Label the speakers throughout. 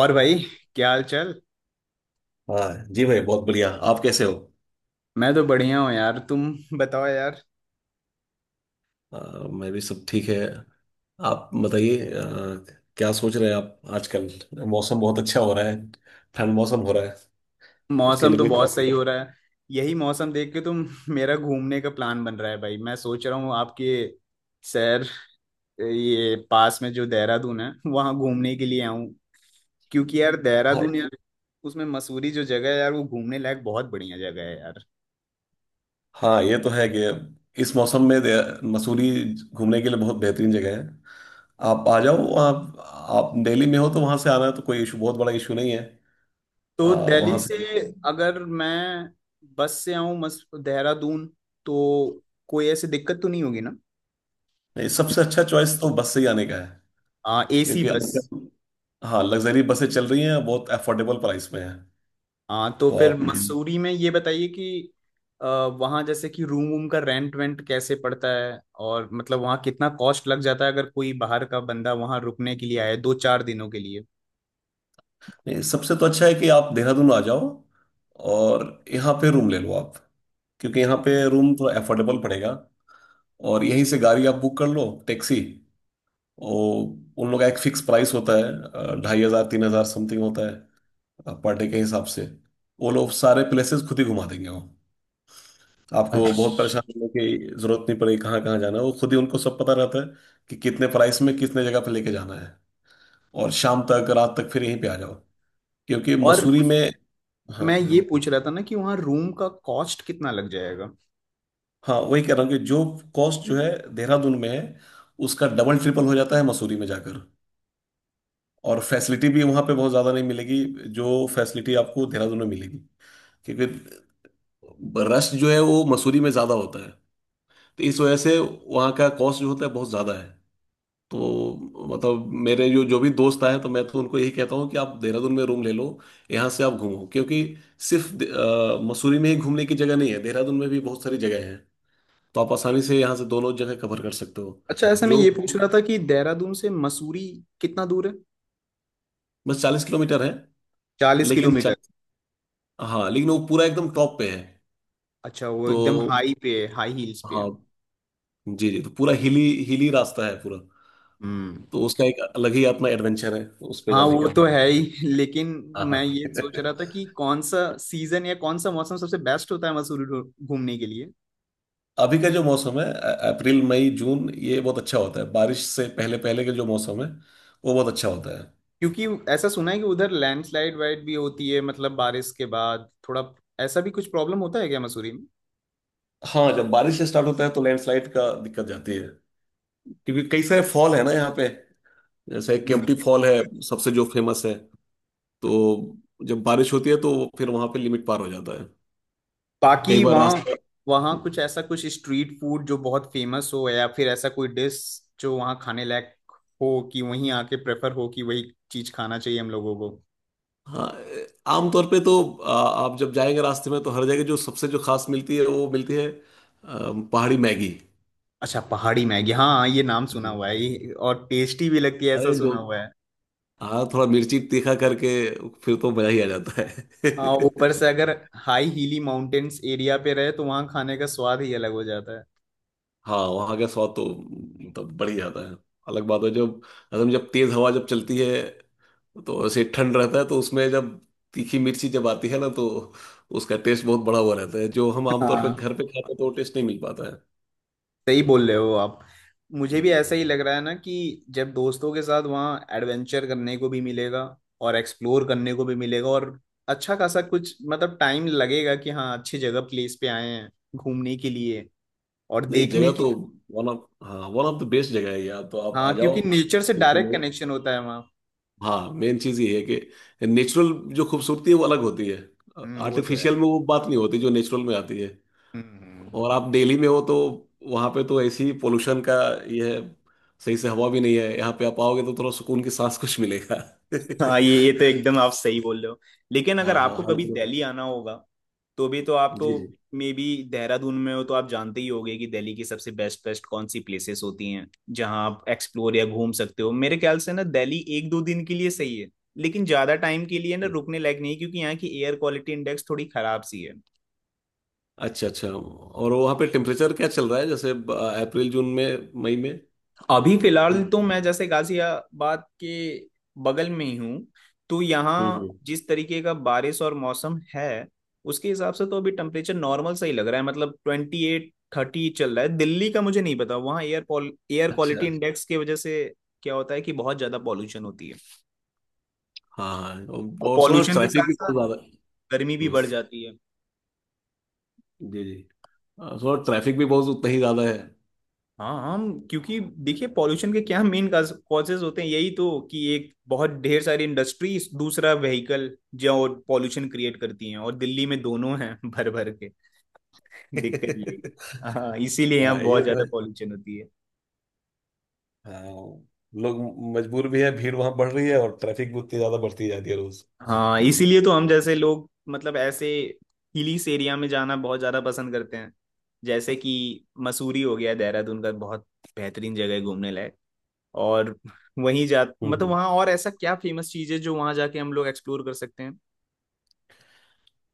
Speaker 1: और भाई, क्या हाल चाल।
Speaker 2: हाँ जी भाई, बहुत बढ़िया। आप कैसे हो?
Speaker 1: मैं तो बढ़िया हूँ यार। तुम बताओ यार।
Speaker 2: अ, मैं भी सब ठीक है। आप बताइए। क्या सोच रहे हैं आप आजकल? मौसम बहुत अच्छा हो रहा है। ठंड मौसम हो रहा है। उसके
Speaker 1: मौसम
Speaker 2: लिए
Speaker 1: तो
Speaker 2: कोई
Speaker 1: बहुत सही
Speaker 2: प्रॉब्लम।
Speaker 1: हो रहा है। यही मौसम देख के तुम मेरा घूमने का प्लान बन रहा है भाई। मैं सोच रहा हूँ आपके शहर, ये पास में जो देहरादून है वहाँ घूमने के लिए आऊँ। क्योंकि यार
Speaker 2: हाँ।
Speaker 1: देहरादून यार, उसमें मसूरी जो जगह है यार, वो घूमने लायक बहुत बढ़िया जगह है यार।
Speaker 2: हाँ ये तो है कि इस मौसम में मसूरी घूमने के लिए बहुत बेहतरीन जगह है। आप आ जाओ। आप दिल्ली में हो तो वहाँ से आना तो कोई इशू, बहुत बड़ा इशू नहीं है।
Speaker 1: तो
Speaker 2: अ,
Speaker 1: दिल्ली
Speaker 2: वहाँ से
Speaker 1: से अगर मैं बस से आऊँ मस देहरादून तो कोई ऐसी दिक्कत तो नहीं होगी ना।
Speaker 2: सबसे अच्छा चॉइस तो बस से ही आने का है,
Speaker 1: एसी
Speaker 2: क्योंकि
Speaker 1: बस।
Speaker 2: आजकल हाँ, लग्जरी बसें चल रही हैं, बहुत अफोर्डेबल प्राइस में है।
Speaker 1: हाँ तो
Speaker 2: तो
Speaker 1: फिर
Speaker 2: आप
Speaker 1: मसूरी में ये बताइए कि अ, वहाँ जैसे कि रूम वूम का रेंट वेंट कैसे पड़ता है, और मतलब वहाँ कितना कॉस्ट लग जाता है अगर कोई बाहर का बंदा वहाँ रुकने के लिए आए दो चार दिनों के लिए।
Speaker 2: नहीं, सबसे तो अच्छा है कि आप देहरादून आ जाओ और यहाँ पे रूम ले लो आप, क्योंकि यहाँ पे रूम थोड़ा अफोर्डेबल पड़ेगा। और यहीं से गाड़ी आप बुक कर लो, टैक्सी। और उन लोग का एक फिक्स प्राइस होता है, 2,500 3,000 समथिंग होता है पर डे के हिसाब से। वो लोग सारे प्लेसेस खुद ही घुमा देंगे वो। आपको बहुत
Speaker 1: अच्छा।
Speaker 2: परेशान होने की जरूरत नहीं पड़ेगी, कहाँ कहाँ जाना है वो खुद ही, उनको सब पता रहता है कि कितने प्राइस में कितने जगह पे लेके जाना है। और शाम तक, रात तक फिर यहीं पे आ जाओ, क्योंकि
Speaker 1: और
Speaker 2: मसूरी में। हाँ,
Speaker 1: मैं ये पूछ रहा था ना कि वहाँ रूम का कॉस्ट कितना लग जाएगा।
Speaker 2: हाँ वही कह रहा हूँ कि जो कॉस्ट जो है देहरादून में है, उसका डबल ट्रिपल हो जाता है मसूरी में जाकर। और फैसिलिटी भी वहाँ पे बहुत ज़्यादा नहीं मिलेगी जो फैसिलिटी आपको देहरादून में मिलेगी, क्योंकि रश जो है वो मसूरी में ज़्यादा होता है। तो इस वजह से वहाँ का कॉस्ट जो होता है बहुत ज़्यादा है। तो मतलब मेरे जो जो भी दोस्त आए तो मैं तो उनको यही कहता हूँ कि आप देहरादून में रूम ले लो। यहाँ से आप घूमो, क्योंकि सिर्फ मसूरी में ही घूमने की जगह नहीं है, देहरादून में भी बहुत सारी जगह है। तो आप आसानी से यहाँ से दोनों जगह कवर कर सकते हो।
Speaker 1: अच्छा, ऐसे मैं
Speaker 2: जो
Speaker 1: ये पूछ रहा था कि देहरादून से मसूरी कितना दूर है।
Speaker 2: बस 40 किलोमीटर है।
Speaker 1: चालीस
Speaker 2: लेकिन
Speaker 1: किलोमीटर
Speaker 2: 40, हाँ लेकिन वो पूरा एकदम टॉप पे है
Speaker 1: अच्छा, वो एकदम
Speaker 2: तो।
Speaker 1: हाई पे है, हाई हील्स पे है।
Speaker 2: हाँ, जी जी तो पूरा हिली, हिली रास्ता है पूरा।
Speaker 1: हम्म।
Speaker 2: तो उसका एक अलग ही अपना एडवेंचर है उस पे
Speaker 1: हाँ
Speaker 2: जाने
Speaker 1: वो
Speaker 2: का।
Speaker 1: तो है ही, लेकिन
Speaker 2: हाँ हाँ।
Speaker 1: मैं ये सोच रहा था कि कौन सा सीजन या कौन सा मौसम सबसे बेस्ट होता है मसूरी घूमने के लिए।
Speaker 2: अभी का जो मौसम है, अप्रैल मई जून ये बहुत अच्छा होता है, बारिश से पहले पहले का जो मौसम है वो बहुत अच्छा होता है।
Speaker 1: क्योंकि ऐसा सुना है कि उधर लैंडस्लाइड वाइड भी होती है, मतलब बारिश के बाद थोड़ा ऐसा भी कुछ प्रॉब्लम होता है क्या मसूरी में।
Speaker 2: हाँ, जब बारिश स्टार्ट होता है तो लैंडस्लाइड का दिक्कत जाती है, क्योंकि कई सारे फॉल है ना यहाँ पे, जैसे
Speaker 1: हम्म।
Speaker 2: केम्प्टी फॉल है, सबसे जो फेमस है। तो जब बारिश होती है तो फिर वहां पे लिमिट पार हो जाता है, कई
Speaker 1: बाकी
Speaker 2: बार
Speaker 1: वहाँ,
Speaker 2: रास्ता।
Speaker 1: वहाँ कुछ ऐसा कुछ स्ट्रीट फूड जो बहुत फेमस हो, या फिर ऐसा कोई डिश जो वहाँ खाने लायक हो कि वहीं आके प्रेफर हो कि वही चीज खाना चाहिए हम लोगों को।
Speaker 2: हाँ आमतौर पे तो आप जब जाएंगे रास्ते में तो हर जगह जो सबसे जो खास मिलती है वो मिलती है, पहाड़ी मैगी।
Speaker 1: अच्छा, पहाड़ी मैगी, हाँ ये नाम सुना
Speaker 2: हम्म।
Speaker 1: हुआ है और टेस्टी भी लगती है, ऐसा
Speaker 2: अरे जो,
Speaker 1: सुना हुआ है।
Speaker 2: हाँ थोड़ा मिर्ची तीखा करके फिर तो मजा ही आ जाता है।
Speaker 1: हाँ, ऊपर से अगर हाई हीली माउंटेन्स एरिया पे रहे तो वहाँ खाने का स्वाद ही अलग हो जाता है।
Speaker 2: हाँ वहाँ का स्वाद तो मतलब बढ़ ही जाता है। अलग बात है जब असम, जब तेज हवा जब चलती है तो ऐसे ठंड रहता है, तो उसमें जब तीखी मिर्ची जब आती है ना तो उसका टेस्ट बहुत बड़ा हुआ रहता है। जो हम आमतौर पर
Speaker 1: हाँ,
Speaker 2: घर पे खाते हैं तो वो टेस्ट नहीं मिल पाता है।
Speaker 1: सही बोल रहे हो आप। मुझे भी
Speaker 2: हम्म।
Speaker 1: ऐसा ही लग रहा है ना कि जब दोस्तों के साथ वहाँ एडवेंचर करने को भी मिलेगा और एक्सप्लोर करने को भी मिलेगा, और अच्छा खासा कुछ मतलब टाइम लगेगा कि हाँ अच्छी जगह प्लेस पे आए हैं घूमने के लिए और
Speaker 2: नहीं,
Speaker 1: देखने
Speaker 2: जगह
Speaker 1: की।
Speaker 2: तो वन ऑफ, हाँ वन ऑफ द बेस्ट जगह है यार, तो आप आ
Speaker 1: हाँ,
Speaker 2: जाओ,
Speaker 1: क्योंकि नेचर से
Speaker 2: टेंशन
Speaker 1: डायरेक्ट
Speaker 2: नहीं है।
Speaker 1: कनेक्शन होता है वहाँ।
Speaker 2: हाँ मेन चीज़ ये है कि नेचुरल जो खूबसूरती है वो अलग होती है।
Speaker 1: वो तो है।
Speaker 2: आर्टिफिशियल में वो बात नहीं होती जो नेचुरल में आती है।
Speaker 1: हम्म। हम्म।
Speaker 2: और आप दिल्ली में हो तो वहां पे तो ऐसी पोल्यूशन का ये है, सही से हवा भी नहीं है। यहाँ पे आप आओगे तो थोड़ा सुकून की सांस कुछ मिलेगा।
Speaker 1: हाँ ये तो एकदम आप सही बोल रहे हो। लेकिन अगर
Speaker 2: हाँ,
Speaker 1: आपको
Speaker 2: हर
Speaker 1: कभी
Speaker 2: तरफ।
Speaker 1: दिल्ली आना होगा तो भी तो आप
Speaker 2: जी जी।
Speaker 1: तो, मे बी देहरादून में हो तो आप जानते ही होंगे कि दिल्ली की सबसे बेस्ट बेस्ट कौन सी प्लेसेस होती हैं जहां आप एक्सप्लोर या घूम सकते हो। मेरे ख्याल से ना दिल्ली एक दो दिन के लिए सही है, लेकिन ज्यादा टाइम के लिए ना रुकने लायक नहीं है, क्योंकि यहाँ की एयर क्वालिटी इंडेक्स थोड़ी खराब सी है।
Speaker 2: अच्छा अच्छा, और वहाँ पे टेम्परेचर क्या चल रहा है, जैसे अप्रैल, जून में, मई में?
Speaker 1: अभी फिलहाल तो मैं जैसे गाजियाबाद के बगल में ही हूँ, तो
Speaker 2: हम्म
Speaker 1: यहाँ
Speaker 2: हम्म।
Speaker 1: जिस तरीके का बारिश और मौसम है, उसके हिसाब से तो अभी टेम्परेचर नॉर्मल सा ही लग रहा है, मतलब 28 30 चल रहा है। दिल्ली का मुझे नहीं पता, वहाँ एयर एयर
Speaker 2: अच्छा,
Speaker 1: क्वालिटी इंडेक्स की वजह से क्या होता है कि बहुत ज्यादा पॉल्यूशन होती है।
Speaker 2: हाँ हाँ।
Speaker 1: और
Speaker 2: और सुना
Speaker 1: पॉल्यूशन के
Speaker 2: ट्रैफिक
Speaker 1: साथ
Speaker 2: भी
Speaker 1: साथ
Speaker 2: बहुत ज्यादा है।
Speaker 1: गर्मी भी
Speaker 2: हम्म।
Speaker 1: बढ़ जाती है।
Speaker 2: जी जी। और सुना ट्रैफिक भी बहुत उतना ही ज्यादा है।
Speaker 1: हाँ हम, क्योंकि देखिए पॉल्यूशन के क्या मेन कॉजेज होते हैं, यही तो कि एक बहुत ढेर सारी इंडस्ट्री, दूसरा व्हीकल जो पॉल्यूशन क्रिएट करती हैं, और दिल्ली में दोनों हैं भर भर के। दिक्कत यही है। हाँ, इसीलिए
Speaker 2: हाँ
Speaker 1: यहाँ
Speaker 2: ये
Speaker 1: बहुत
Speaker 2: तो
Speaker 1: ज्यादा
Speaker 2: है।
Speaker 1: पॉल्यूशन होती है।
Speaker 2: हाँ, लोग मजबूर भी है, भीड़ वहां बढ़ रही है और ट्रैफिक भी उतनी ज्यादा बढ़ती जाती है रोज।
Speaker 1: हाँ, इसीलिए तो हम जैसे लोग मतलब ऐसे हिलीस एरिया में जाना बहुत ज्यादा पसंद करते हैं, जैसे कि मसूरी हो गया, देहरादून का बहुत बेहतरीन जगह है घूमने लायक। और वहीं जा मतलब
Speaker 2: हम्म।
Speaker 1: वहाँ और ऐसा क्या फेमस चीज है जो वहाँ जाके हम लोग एक्सप्लोर कर सकते हैं।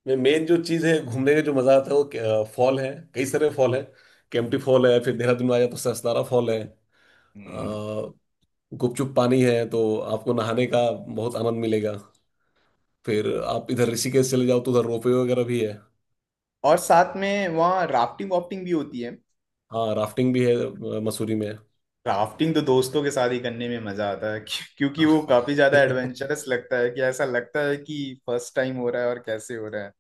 Speaker 2: मैं मेन जो चीज है, घूमने का जो मजा आता है वो फॉल है, कई सारे फॉल है। केम्प्टी
Speaker 1: हम्म।
Speaker 2: फॉल है, फिर देहरादून में आ जाए तो ससनारा फॉल है। अ,
Speaker 1: हम्म।
Speaker 2: गुपचुप पानी है तो आपको नहाने का बहुत आनंद मिलेगा। फिर आप इधर ऋषिकेश चले जाओ तो उधर रोपवे वगैरह भी है।
Speaker 1: और साथ में वहाँ राफ्टिंग वाफ्टिंग भी होती है।
Speaker 2: हाँ राफ्टिंग भी है, मसूरी में।
Speaker 1: राफ्टिंग तो दोस्तों के साथ ही करने में मजा आता है क्योंकि
Speaker 2: हाँ।
Speaker 1: वो काफी ज्यादा एडवेंचरस लगता है, कि ऐसा लगता है कि फर्स्ट टाइम हो रहा है और कैसे हो रहा है।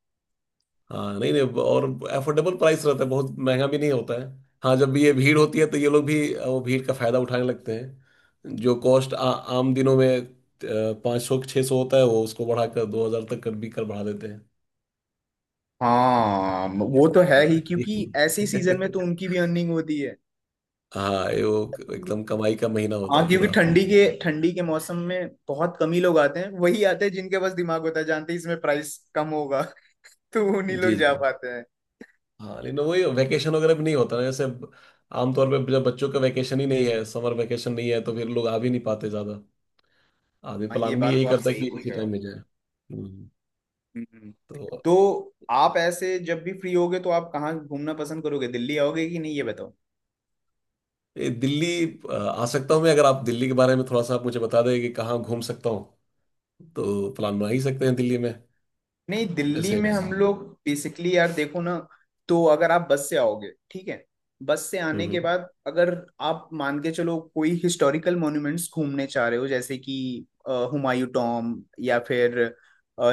Speaker 2: हाँ नहीं नहीं, और अफोर्डेबल प्राइस रहता है, बहुत महंगा भी नहीं होता है। हाँ जब भी ये भीड़ होती है तो ये लोग भी, वो भीड़ का फायदा उठाने लगते हैं। जो कॉस्ट आम दिनों में 500 600 होता है वो उसको बढ़ाकर 2,000 तक कर बढ़ा देते हैं।
Speaker 1: हाँ वो तो है ही,
Speaker 2: हाँ।
Speaker 1: क्योंकि ऐसे सीजन में तो उनकी भी अर्निंग होती है।
Speaker 2: हाँ, ये वो एकदम कमाई का महीना होता
Speaker 1: हाँ,
Speaker 2: है
Speaker 1: क्योंकि
Speaker 2: पूरा।
Speaker 1: ठंडी के मौसम में बहुत कम ही लोग आते हैं, वही आते हैं जिनके पास दिमाग होता है, जानते हैं इसमें प्राइस कम होगा तो उन्हीं लोग
Speaker 2: जी जी।
Speaker 1: जा पाते हैं।
Speaker 2: हाँ लेकिन वही वैकेशन वगैरह भी नहीं होता ना, जैसे आमतौर पे जब बच्चों का वैकेशन ही नहीं है, समर वैकेशन नहीं है, तो फिर लोग आ भी नहीं पाते ज़्यादा। आदमी
Speaker 1: हाँ ये
Speaker 2: प्लान भी
Speaker 1: बात तो
Speaker 2: यही
Speaker 1: आप
Speaker 2: करता है
Speaker 1: सही
Speaker 2: कि
Speaker 1: बोल
Speaker 2: इसी
Speaker 1: रहे
Speaker 2: टाइम
Speaker 1: हो।
Speaker 2: में जाए।
Speaker 1: हम्म।
Speaker 2: तो
Speaker 1: तो आप ऐसे जब भी फ्री होगे तो आप कहाँ घूमना पसंद करोगे, दिल्ली आओगे कि नहीं, ये बताओ।
Speaker 2: ये दिल्ली, आ सकता हूँ मैं, अगर आप दिल्ली के बारे में थोड़ा सा आप मुझे बता दें कि कहाँ घूम सकता हूँ, तो प्लान बना ही सकते हैं दिल्ली में।
Speaker 1: नहीं, दिल्ली
Speaker 2: जैसे।
Speaker 1: में हम लोग बेसिकली यार देखो ना, तो अगर आप बस से आओगे, ठीक है, बस से आने के
Speaker 2: हम्म।
Speaker 1: बाद अगर आप मान के चलो कोई हिस्टोरिकल मॉन्यूमेंट्स घूमने चाह रहे हो, जैसे कि हुमायूं टॉम, या फिर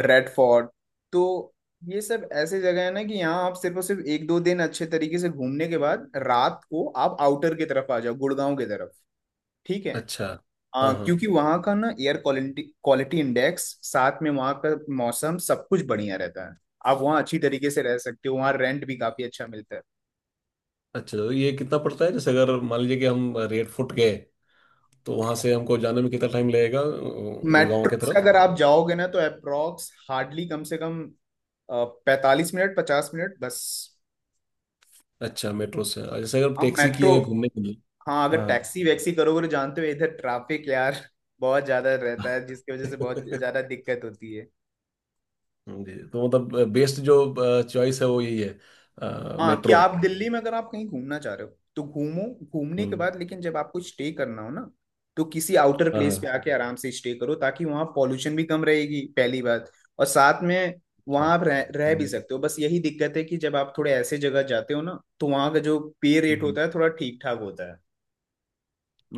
Speaker 1: रेड फोर्ट, तो ये सब ऐसे जगह है ना कि यहाँ आप सिर्फ और सिर्फ एक दो दिन अच्छे तरीके से घूमने के बाद रात को आप आउटर की तरफ आ जाओ, गुड़गांव की तरफ। ठीक है,
Speaker 2: अच्छा। हाँ हाँ।
Speaker 1: क्योंकि वहाँ का ना एयर क्वालिटी क्वालिटी इंडेक्स, साथ में वहाँ का मौसम सब कुछ बढ़िया रहता है, आप वहाँ अच्छी तरीके से रह सकते हो, वहाँ रेंट भी काफी अच्छा मिलता है।
Speaker 2: अच्छा तो ये कितना पड़ता है, जैसे अगर मान लीजिए कि हम रेड फुट गए, तो वहाँ से हमको जाने में कितना टाइम लगेगा गुड़गांव
Speaker 1: मेट्रो
Speaker 2: की
Speaker 1: से
Speaker 2: तरफ?
Speaker 1: अगर आप जाओगे ना तो अप्रोक्स हार्डली कम से कम 45 मिनट 50 मिनट बस।
Speaker 2: अच्छा मेट्रो से। और जैसे अगर
Speaker 1: हम
Speaker 2: टैक्सी की
Speaker 1: मेट्रो।
Speaker 2: है घूमने के लिए?
Speaker 1: हाँ अगर
Speaker 2: हाँ।
Speaker 1: टैक्सी वैक्सी करोगे तो जानते हो इधर ट्रैफिक यार बहुत ज्यादा रहता है, जिसकी वजह से बहुत ज्यादा दिक्कत होती है।
Speaker 2: जी, तो मतलब बेस्ट जो चॉइस है वो यही है
Speaker 1: हाँ, कि
Speaker 2: मेट्रो।
Speaker 1: आप दिल्ली में अगर आप कहीं घूमना चाह रहे हो तो घूमो, घूमने के
Speaker 2: हम्म।
Speaker 1: बाद लेकिन जब आपको स्टे करना हो ना तो किसी आउटर
Speaker 2: हाँ
Speaker 1: प्लेस
Speaker 2: हाँ।
Speaker 1: पे आके आराम से स्टे करो, ताकि वहाँ पॉल्यूशन भी कम रहेगी पहली बात, और साथ में
Speaker 2: अच्छा,
Speaker 1: वहाँ आप रह भी
Speaker 2: हम्म,
Speaker 1: सकते हो। बस यही दिक्कत है कि जब आप थोड़े ऐसे जगह जाते हो ना तो वहाँ का जो पे रेट
Speaker 2: हम्म।
Speaker 1: होता है थोड़ा ठीक ठाक होता है।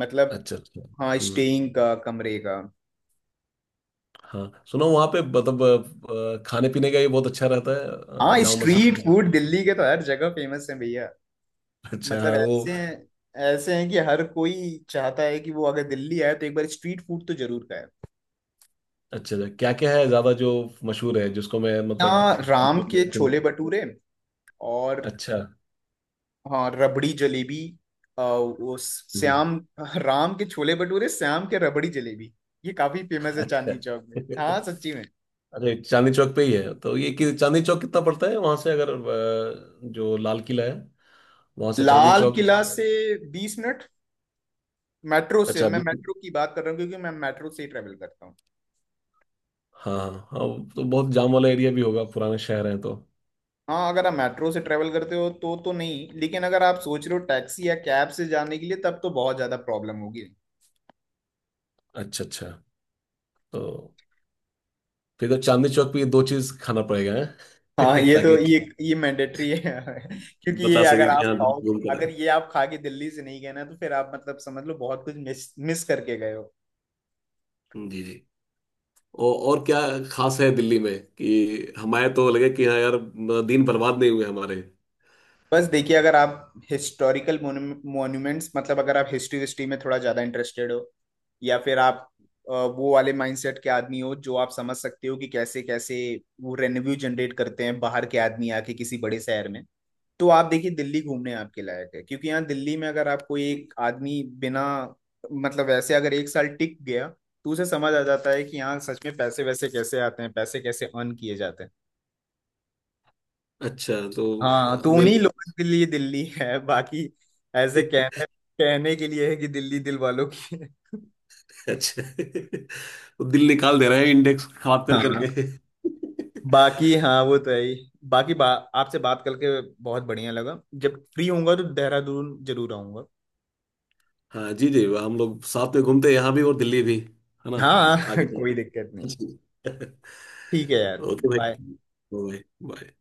Speaker 1: मतलब,
Speaker 2: अच्छा अच्छा।
Speaker 1: हाँ
Speaker 2: हम्म।
Speaker 1: स्टेइंग का, कमरे का।
Speaker 2: हाँ सुनो, वहाँ पे मतलब खाने पीने का ये बहुत अच्छा रहता है?
Speaker 1: हाँ,
Speaker 2: जामा मस्जिद
Speaker 1: स्ट्रीट
Speaker 2: का?
Speaker 1: फूड दिल्ली के तो हर जगह फेमस है भैया।
Speaker 2: अच्छा,
Speaker 1: मतलब
Speaker 2: हाँ वो।
Speaker 1: ऐसे हैं, ऐसे हैं कि हर कोई चाहता है कि वो अगर दिल्ली आए तो एक बार स्ट्रीट फूड तो जरूर खाए।
Speaker 2: अच्छा अच्छा, क्या क्या है ज्यादा जो मशहूर है, जिसको मैं
Speaker 1: यहाँ राम के छोले
Speaker 2: मतलब?
Speaker 1: भटूरे, और
Speaker 2: अच्छा।
Speaker 1: हाँ, रबड़ी जलेबी, वो
Speaker 2: हम्म।
Speaker 1: श्याम, राम के छोले भटूरे, श्याम के रबड़ी जलेबी, ये काफी फेमस है
Speaker 2: अच्छा।
Speaker 1: चांदनी चौक में। हाँ सच्ची में।
Speaker 2: अरे चांदनी चौक पे ही है? तो ये कि चांदनी चौक कितना पड़ता है वहां से, अगर जो लाल किला है वहां से चांदनी
Speaker 1: लाल
Speaker 2: चौक?
Speaker 1: किला से 20 मिनट मेट्रो से।
Speaker 2: अच्छा,
Speaker 1: मैं
Speaker 2: अभी तो,
Speaker 1: मेट्रो की बात कर रहा हूँ, क्योंकि मैं मेट्रो से ही ट्रेवल करता हूँ।
Speaker 2: हाँ हाँ हाँ, तो बहुत जाम वाला एरिया भी होगा, पुराने शहर है तो।
Speaker 1: हाँ अगर आप मेट्रो से ट्रेवल करते हो तो नहीं, लेकिन अगर आप सोच रहे हो टैक्सी या कैब से जाने के लिए, तब तो बहुत ज्यादा प्रॉब्लम होगी।
Speaker 2: अच्छा अच्छा। तो फिर तो चांदनी चौक पे ये दो चीज खाना पड़ेगा
Speaker 1: हाँ
Speaker 2: हैं?
Speaker 1: ये तो,
Speaker 2: ताकि
Speaker 1: ये मैंडेटरी है। क्योंकि ये
Speaker 2: बता
Speaker 1: अगर
Speaker 2: सके कि
Speaker 1: आप
Speaker 2: यहाँ अच्छा
Speaker 1: खाओगे,
Speaker 2: घूम कर
Speaker 1: अगर
Speaker 2: आए।
Speaker 1: ये आप खा के दिल्ली से नहीं गए ना, तो फिर आप मतलब समझ लो बहुत कुछ मिस मिस करके गए हो।
Speaker 2: जी जी। और क्या खास है दिल्ली में, कि हमारे तो लगे कि हाँ यार, दिन बर्बाद नहीं हुए हमारे।
Speaker 1: बस देखिए अगर आप हिस्टोरिकल मॉन्यूमेंट्स, मतलब अगर आप हिस्ट्री हिस्ट्री में थोड़ा ज़्यादा इंटरेस्टेड हो, या फिर आप वो वाले माइंडसेट के आदमी हो, जो आप समझ सकते हो कि कैसे कैसे वो रेवेन्यू जनरेट करते हैं बाहर के आदमी आके किसी बड़े शहर में, तो आप देखिए दिल्ली घूमने आपके लायक है। क्योंकि यहाँ दिल्ली में अगर आप कोई एक आदमी बिना, मतलब वैसे अगर एक साल टिक गया तो उसे समझ आ जाता है कि यहाँ सच में पैसे वैसे कैसे आते हैं, पैसे कैसे अर्न किए जाते हैं।
Speaker 2: अच्छा तो
Speaker 1: हाँ तो उन्हीं
Speaker 2: मेले।
Speaker 1: लोगों के लिए दिल्ली है, बाकी ऐसे कहने कहने के लिए है कि दिल्ली दिल वालों की है।
Speaker 2: अच्छा तो दिल निकाल दे रहे हैं इंडेक्स खराब कर
Speaker 1: हाँ,
Speaker 2: करके।
Speaker 1: बाकी हाँ वो तो है ही। बाकी आपसे बात करके बहुत बढ़िया लगा, जब फ्री होऊंगा तो देहरादून जरूर आऊंगा।
Speaker 2: हाँ जी जी, हम लोग साथ में घूमते हैं, यहाँ भी और दिल्ली भी, है ना?
Speaker 1: हाँ
Speaker 2: आगे।
Speaker 1: कोई दिक्कत नहीं।
Speaker 2: जी।
Speaker 1: ठीक है यार,
Speaker 2: ओके भाई,
Speaker 1: बाय।
Speaker 2: बाय। बाय।